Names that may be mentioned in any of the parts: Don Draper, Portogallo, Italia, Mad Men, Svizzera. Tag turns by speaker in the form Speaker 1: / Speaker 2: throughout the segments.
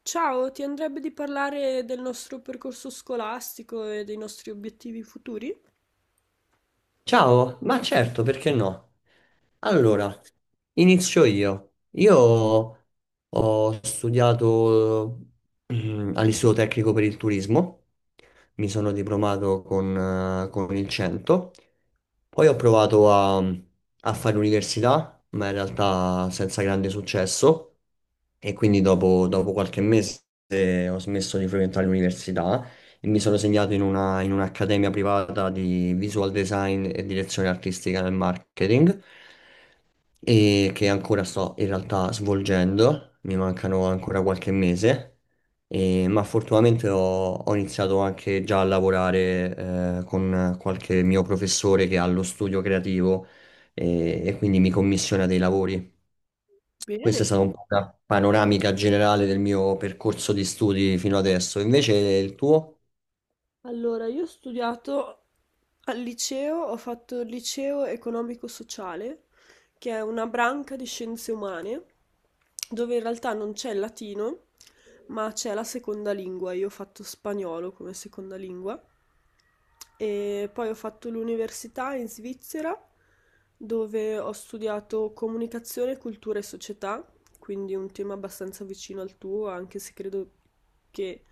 Speaker 1: Ciao, ti andrebbe di parlare del nostro percorso scolastico e dei nostri obiettivi futuri?
Speaker 2: Ciao, ma certo, perché no? Allora, inizio io. Io ho studiato all'Istituto Tecnico per il Turismo, mi sono diplomato con il 100, poi ho provato a fare università, ma in realtà senza grande successo, e quindi dopo qualche mese ho smesso di frequentare l'università e mi sono segnato in un'accademia privata di visual design e direzione artistica nel marketing e che ancora sto in realtà svolgendo, mi mancano ancora qualche mese, ma fortunatamente ho iniziato anche già a lavorare con qualche mio professore che ha lo studio creativo e quindi mi commissiona dei lavori.
Speaker 1: Bene.
Speaker 2: Questa è stata un po' una panoramica generale del mio percorso di studi fino adesso. Invece il tuo?
Speaker 1: Allora, io ho studiato al liceo, ho fatto il liceo economico-sociale, che è una branca di scienze umane, dove in realtà non c'è il latino, ma c'è la seconda lingua. Io ho fatto spagnolo come seconda lingua. E poi ho fatto l'università in Svizzera, dove ho studiato comunicazione, cultura e società. Quindi un tema abbastanza vicino al tuo, anche se credo che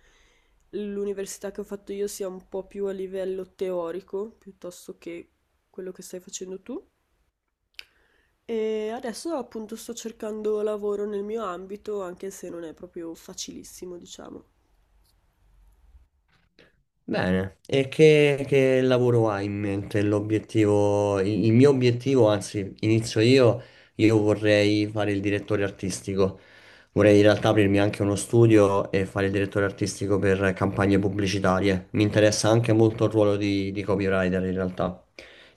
Speaker 1: l'università che ho fatto io sia un po' più a livello teorico, piuttosto che quello che stai facendo tu. E adesso appunto sto cercando lavoro nel mio ambito, anche se non è proprio facilissimo, diciamo.
Speaker 2: Bene, e che lavoro hai in mente? L'obiettivo, il mio obiettivo, anzi, inizio io vorrei fare il direttore artistico. Vorrei in realtà aprirmi anche uno studio e fare il direttore artistico per campagne pubblicitarie. Mi interessa anche molto il ruolo di copywriter in realtà.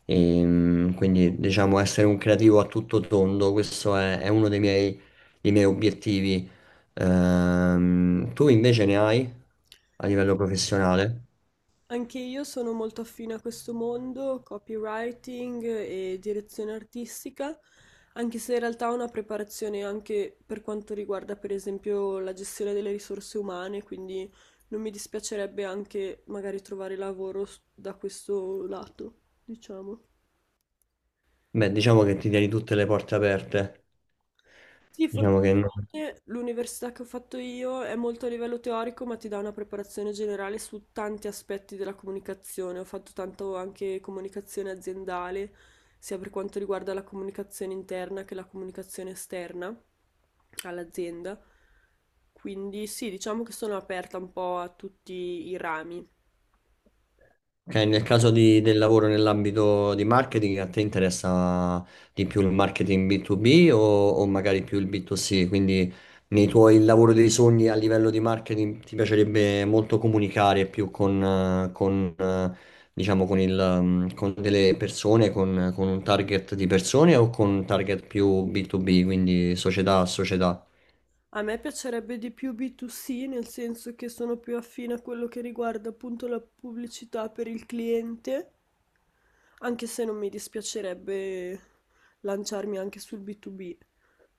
Speaker 2: Quindi diciamo essere un creativo a tutto tondo, questo è uno dei miei obiettivi. Tu invece ne hai a livello professionale?
Speaker 1: Anche io sono molto affine a questo mondo, copywriting e direzione artistica, anche se in realtà ho una preparazione anche per quanto riguarda per esempio la gestione delle risorse umane, quindi non mi dispiacerebbe anche magari trovare lavoro da questo lato, diciamo.
Speaker 2: Beh, diciamo che ti tieni tutte le porte aperte.
Speaker 1: Sì,
Speaker 2: Diciamo che no.
Speaker 1: fortunatamente l'università che ho fatto io è molto a livello teorico, ma ti dà una preparazione generale su tanti aspetti della comunicazione. Ho fatto tanto anche comunicazione aziendale, sia per quanto riguarda la comunicazione interna che la comunicazione esterna all'azienda. Quindi sì, diciamo che sono aperta un po' a tutti i rami.
Speaker 2: Ok, nel caso del lavoro nell'ambito di marketing, a te interessa di più il marketing B2B o magari più il B2C? Quindi nei tuoi lavori dei sogni a livello di marketing ti piacerebbe molto comunicare più diciamo, con delle persone, con un target di persone o con un target più B2B, quindi società a società?
Speaker 1: A me piacerebbe di più B2C, nel senso che sono più affine a quello che riguarda appunto la pubblicità per il cliente, anche se non mi dispiacerebbe lanciarmi anche sul B2B,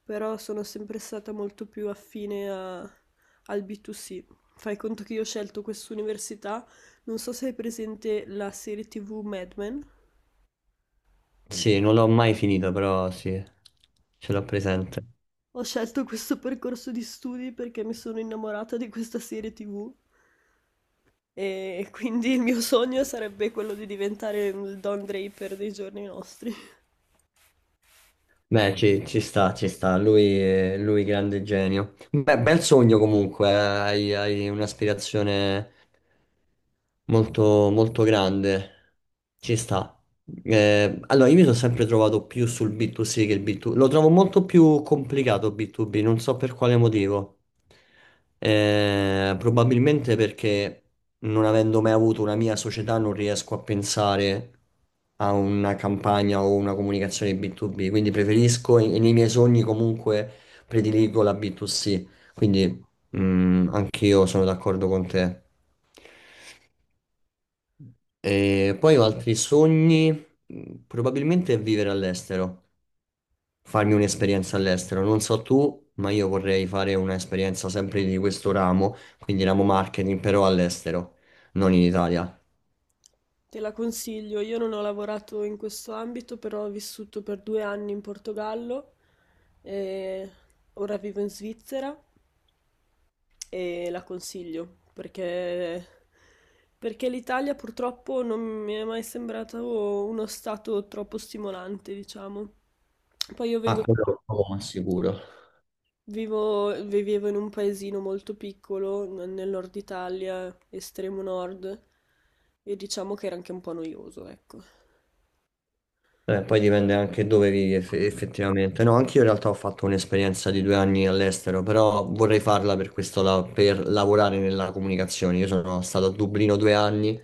Speaker 1: però sono sempre stata molto più affine al B2C. Fai conto che io ho scelto quest'università, non so se hai presente la serie TV Mad Men.
Speaker 2: Sì, non l'ho mai finita, però sì, ce l'ho presente.
Speaker 1: Ho scelto questo percorso di studi perché mi sono innamorata di questa serie TV. E quindi il mio sogno sarebbe quello di diventare il Don Draper dei giorni nostri.
Speaker 2: Beh, ci sta, ci sta. Lui grande genio. Beh, bel sogno comunque, hai un'aspirazione molto, molto grande. Ci sta. Allora, io mi sono sempre trovato più sul B2C che il B2B. Lo trovo molto più complicato B2B, non so per quale motivo. Probabilmente perché non avendo mai avuto una mia società non riesco a pensare a una campagna o una comunicazione B2B, quindi preferisco e nei miei sogni comunque prediligo la B2C. Quindi anche io sono d'accordo con te. E poi ho altri sogni, probabilmente vivere all'estero, farmi un'esperienza all'estero. Non so tu, ma io vorrei fare un'esperienza sempre di questo ramo, quindi ramo marketing, però all'estero, non in Italia.
Speaker 1: Te la consiglio, io non ho lavorato in questo ambito, però ho vissuto per 2 anni in Portogallo e ora vivo in Svizzera e la consiglio perché l'Italia purtroppo non mi è mai sembrato uno stato troppo stimolante, diciamo. Poi io
Speaker 2: Ah,
Speaker 1: vengo
Speaker 2: quello lo sicuro.
Speaker 1: Vivo, vivevo in un paesino molto piccolo, nel nord Italia, estremo nord, e diciamo che era anche un po' noioso, ecco.
Speaker 2: Poi dipende anche dove vivi effettivamente. No, anch'io in realtà ho fatto un'esperienza di 2 anni all'estero, però vorrei farla per questo, per lavorare nella comunicazione. Io sono stato a Dublino 2 anni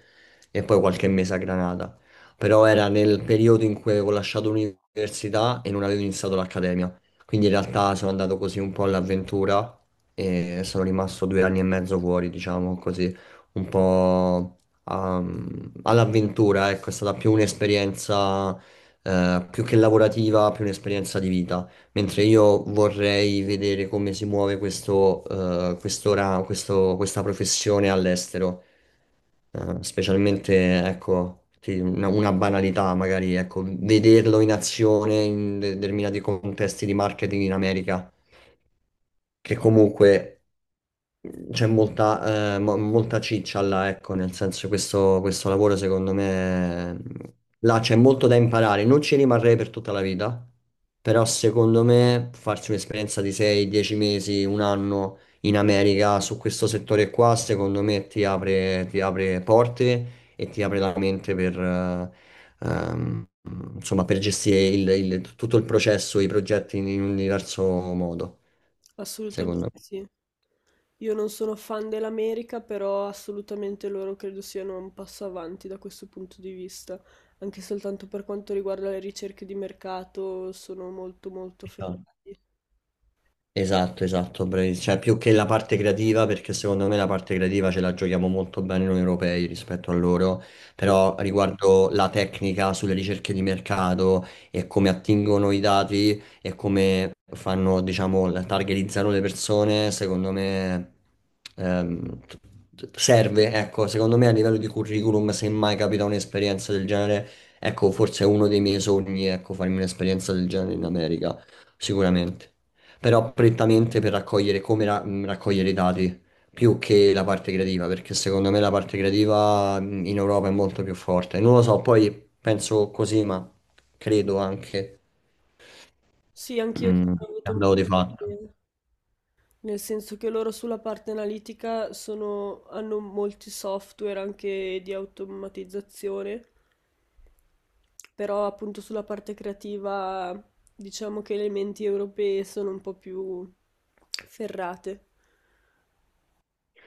Speaker 2: e poi qualche mese a Granada, però era nel periodo in cui avevo lasciato l'università e non avevo iniziato l'accademia. Quindi in realtà sono andato così un po' all'avventura e sono rimasto 2 anni e mezzo fuori, diciamo così, un po' all'avventura, ecco, è stata più un'esperienza più che lavorativa, più un'esperienza di vita. Mentre io vorrei vedere come si muove questa professione all'estero. Specialmente, ecco, sì, una banalità magari, ecco, vederlo in azione in determinati contesti di marketing in America, che comunque c'è molta ciccia là, ecco, nel senso questo lavoro secondo me, là c'è molto da imparare, non ci rimarrei per tutta la vita, però secondo me farsi un'esperienza di 6, 10 mesi, un anno in America su questo settore qua, secondo me ti apre porte e ti apre la mente ehm, insomma, per gestire tutto il processo, i progetti in un diverso modo, secondo
Speaker 1: Assolutamente sì. Io non sono fan dell'America, però assolutamente loro credo siano un passo avanti da questo punto di vista, anche soltanto per quanto riguarda le ricerche di mercato, sono molto molto
Speaker 2: me.
Speaker 1: ferrati.
Speaker 2: Esatto, esatto, bravi. Cioè più che la parte creativa, perché secondo me la parte creativa ce la giochiamo molto bene noi europei rispetto a loro, però riguardo la tecnica sulle ricerche di mercato e come attingono i dati e come fanno, diciamo, targetizzano le persone, secondo me ehm, t- serve, ecco, secondo me a livello di curriculum, se mai capita un'esperienza del genere, ecco, forse è uno dei miei sogni, ecco, farmi un'esperienza del genere in America, sicuramente però prettamente per raccogliere raccogliere i dati più che la parte creativa, perché secondo me la parte creativa in Europa è molto più forte. Non lo so, poi penso così, ma credo anche
Speaker 1: Sì, anch'io
Speaker 2: mh,
Speaker 1: ho
Speaker 2: è
Speaker 1: avuto
Speaker 2: un
Speaker 1: un po'
Speaker 2: dato di
Speaker 1: di.
Speaker 2: fatto.
Speaker 1: Nel senso che loro sulla parte analitica sono, hanno molti software anche di automatizzazione, però appunto sulla parte creativa diciamo che le menti europee sono un po' più ferrate.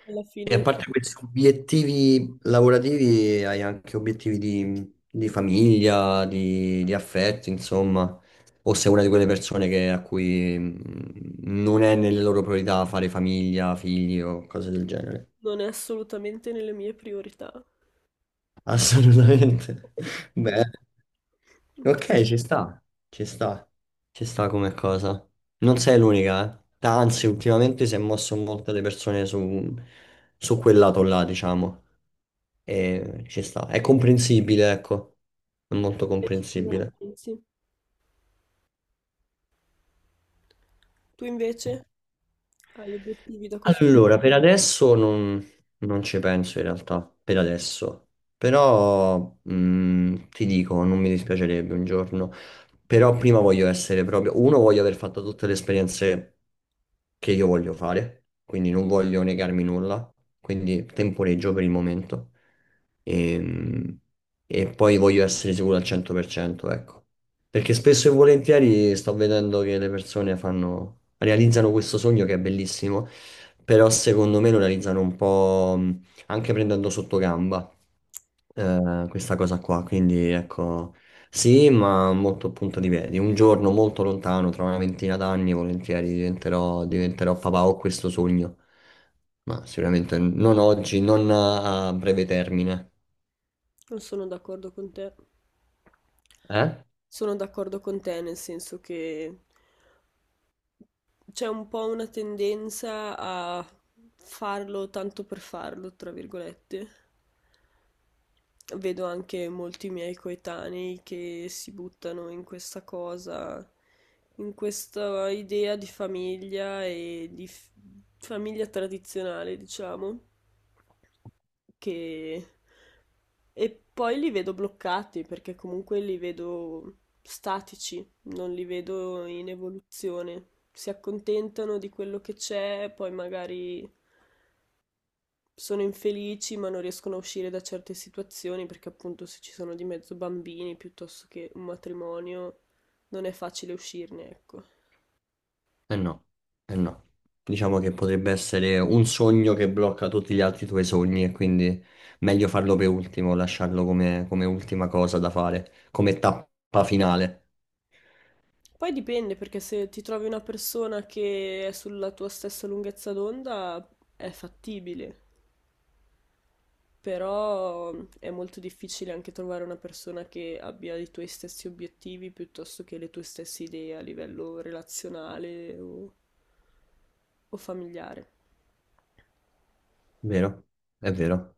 Speaker 1: Alla
Speaker 2: E a
Speaker 1: fine
Speaker 2: parte questi obiettivi lavorativi, hai anche obiettivi di famiglia, di affetto, insomma. O sei una di quelle persone a cui non è nelle loro priorità fare famiglia, figli o cose del genere.
Speaker 1: non è assolutamente nelle mie priorità.
Speaker 2: Assolutamente. Beh,
Speaker 1: Tu
Speaker 2: ok, ci sta, ci sta, ci sta come cosa. Non sei l'unica, eh. Anzi, ultimamente si è mosso molte le persone su quel lato là, diciamo. E ci sta. È comprensibile, ecco. È molto
Speaker 1: cosa ne
Speaker 2: comprensibile.
Speaker 1: pensi? Tu invece hai obiettivi da questo?
Speaker 2: Allora, per adesso non ci penso in realtà, per adesso. Però ti dico, non mi dispiacerebbe un giorno. Però prima voglio essere proprio... Uno, voglio aver fatto tutte le esperienze che io voglio fare, quindi non voglio negarmi nulla, quindi temporeggio per il momento. Ehm, E, poi voglio essere sicuro al 100%, ecco. Perché spesso e volentieri sto vedendo che le persone fanno, realizzano questo sogno che è bellissimo però secondo me lo realizzano un po' anche prendendo sotto gamba questa cosa qua, quindi ecco, sì, ma molto a punto di piedi. Un giorno molto lontano, tra una ventina d'anni, volentieri diventerò papà, ho questo sogno, ma sicuramente non oggi, non a breve termine.
Speaker 1: Non sono d'accordo con te.
Speaker 2: Eh?
Speaker 1: Sono d'accordo con te, nel senso che c'è un po' una tendenza a farlo tanto per farlo, tra virgolette. Vedo anche molti miei coetanei che si buttano in questa cosa, in questa idea di famiglia e di famiglia tradizionale, diciamo. Che e poi li vedo bloccati perché comunque li vedo statici, non li vedo in evoluzione. Si accontentano di quello che c'è, poi magari sono infelici ma non riescono a uscire da certe situazioni perché appunto se ci sono di mezzo bambini piuttosto che un matrimonio non è facile uscirne, ecco.
Speaker 2: Eh no, eh no. Diciamo che potrebbe essere un sogno che blocca tutti gli altri tuoi sogni e quindi meglio farlo per ultimo, lasciarlo come, come ultima cosa da fare, come tappa finale,
Speaker 1: Poi dipende perché se ti trovi una persona che è sulla tua stessa lunghezza d'onda è fattibile. Però è molto difficile anche trovare una persona che abbia i tuoi stessi obiettivi piuttosto che le tue stesse idee a livello relazionale o familiare.
Speaker 2: vero? È vero.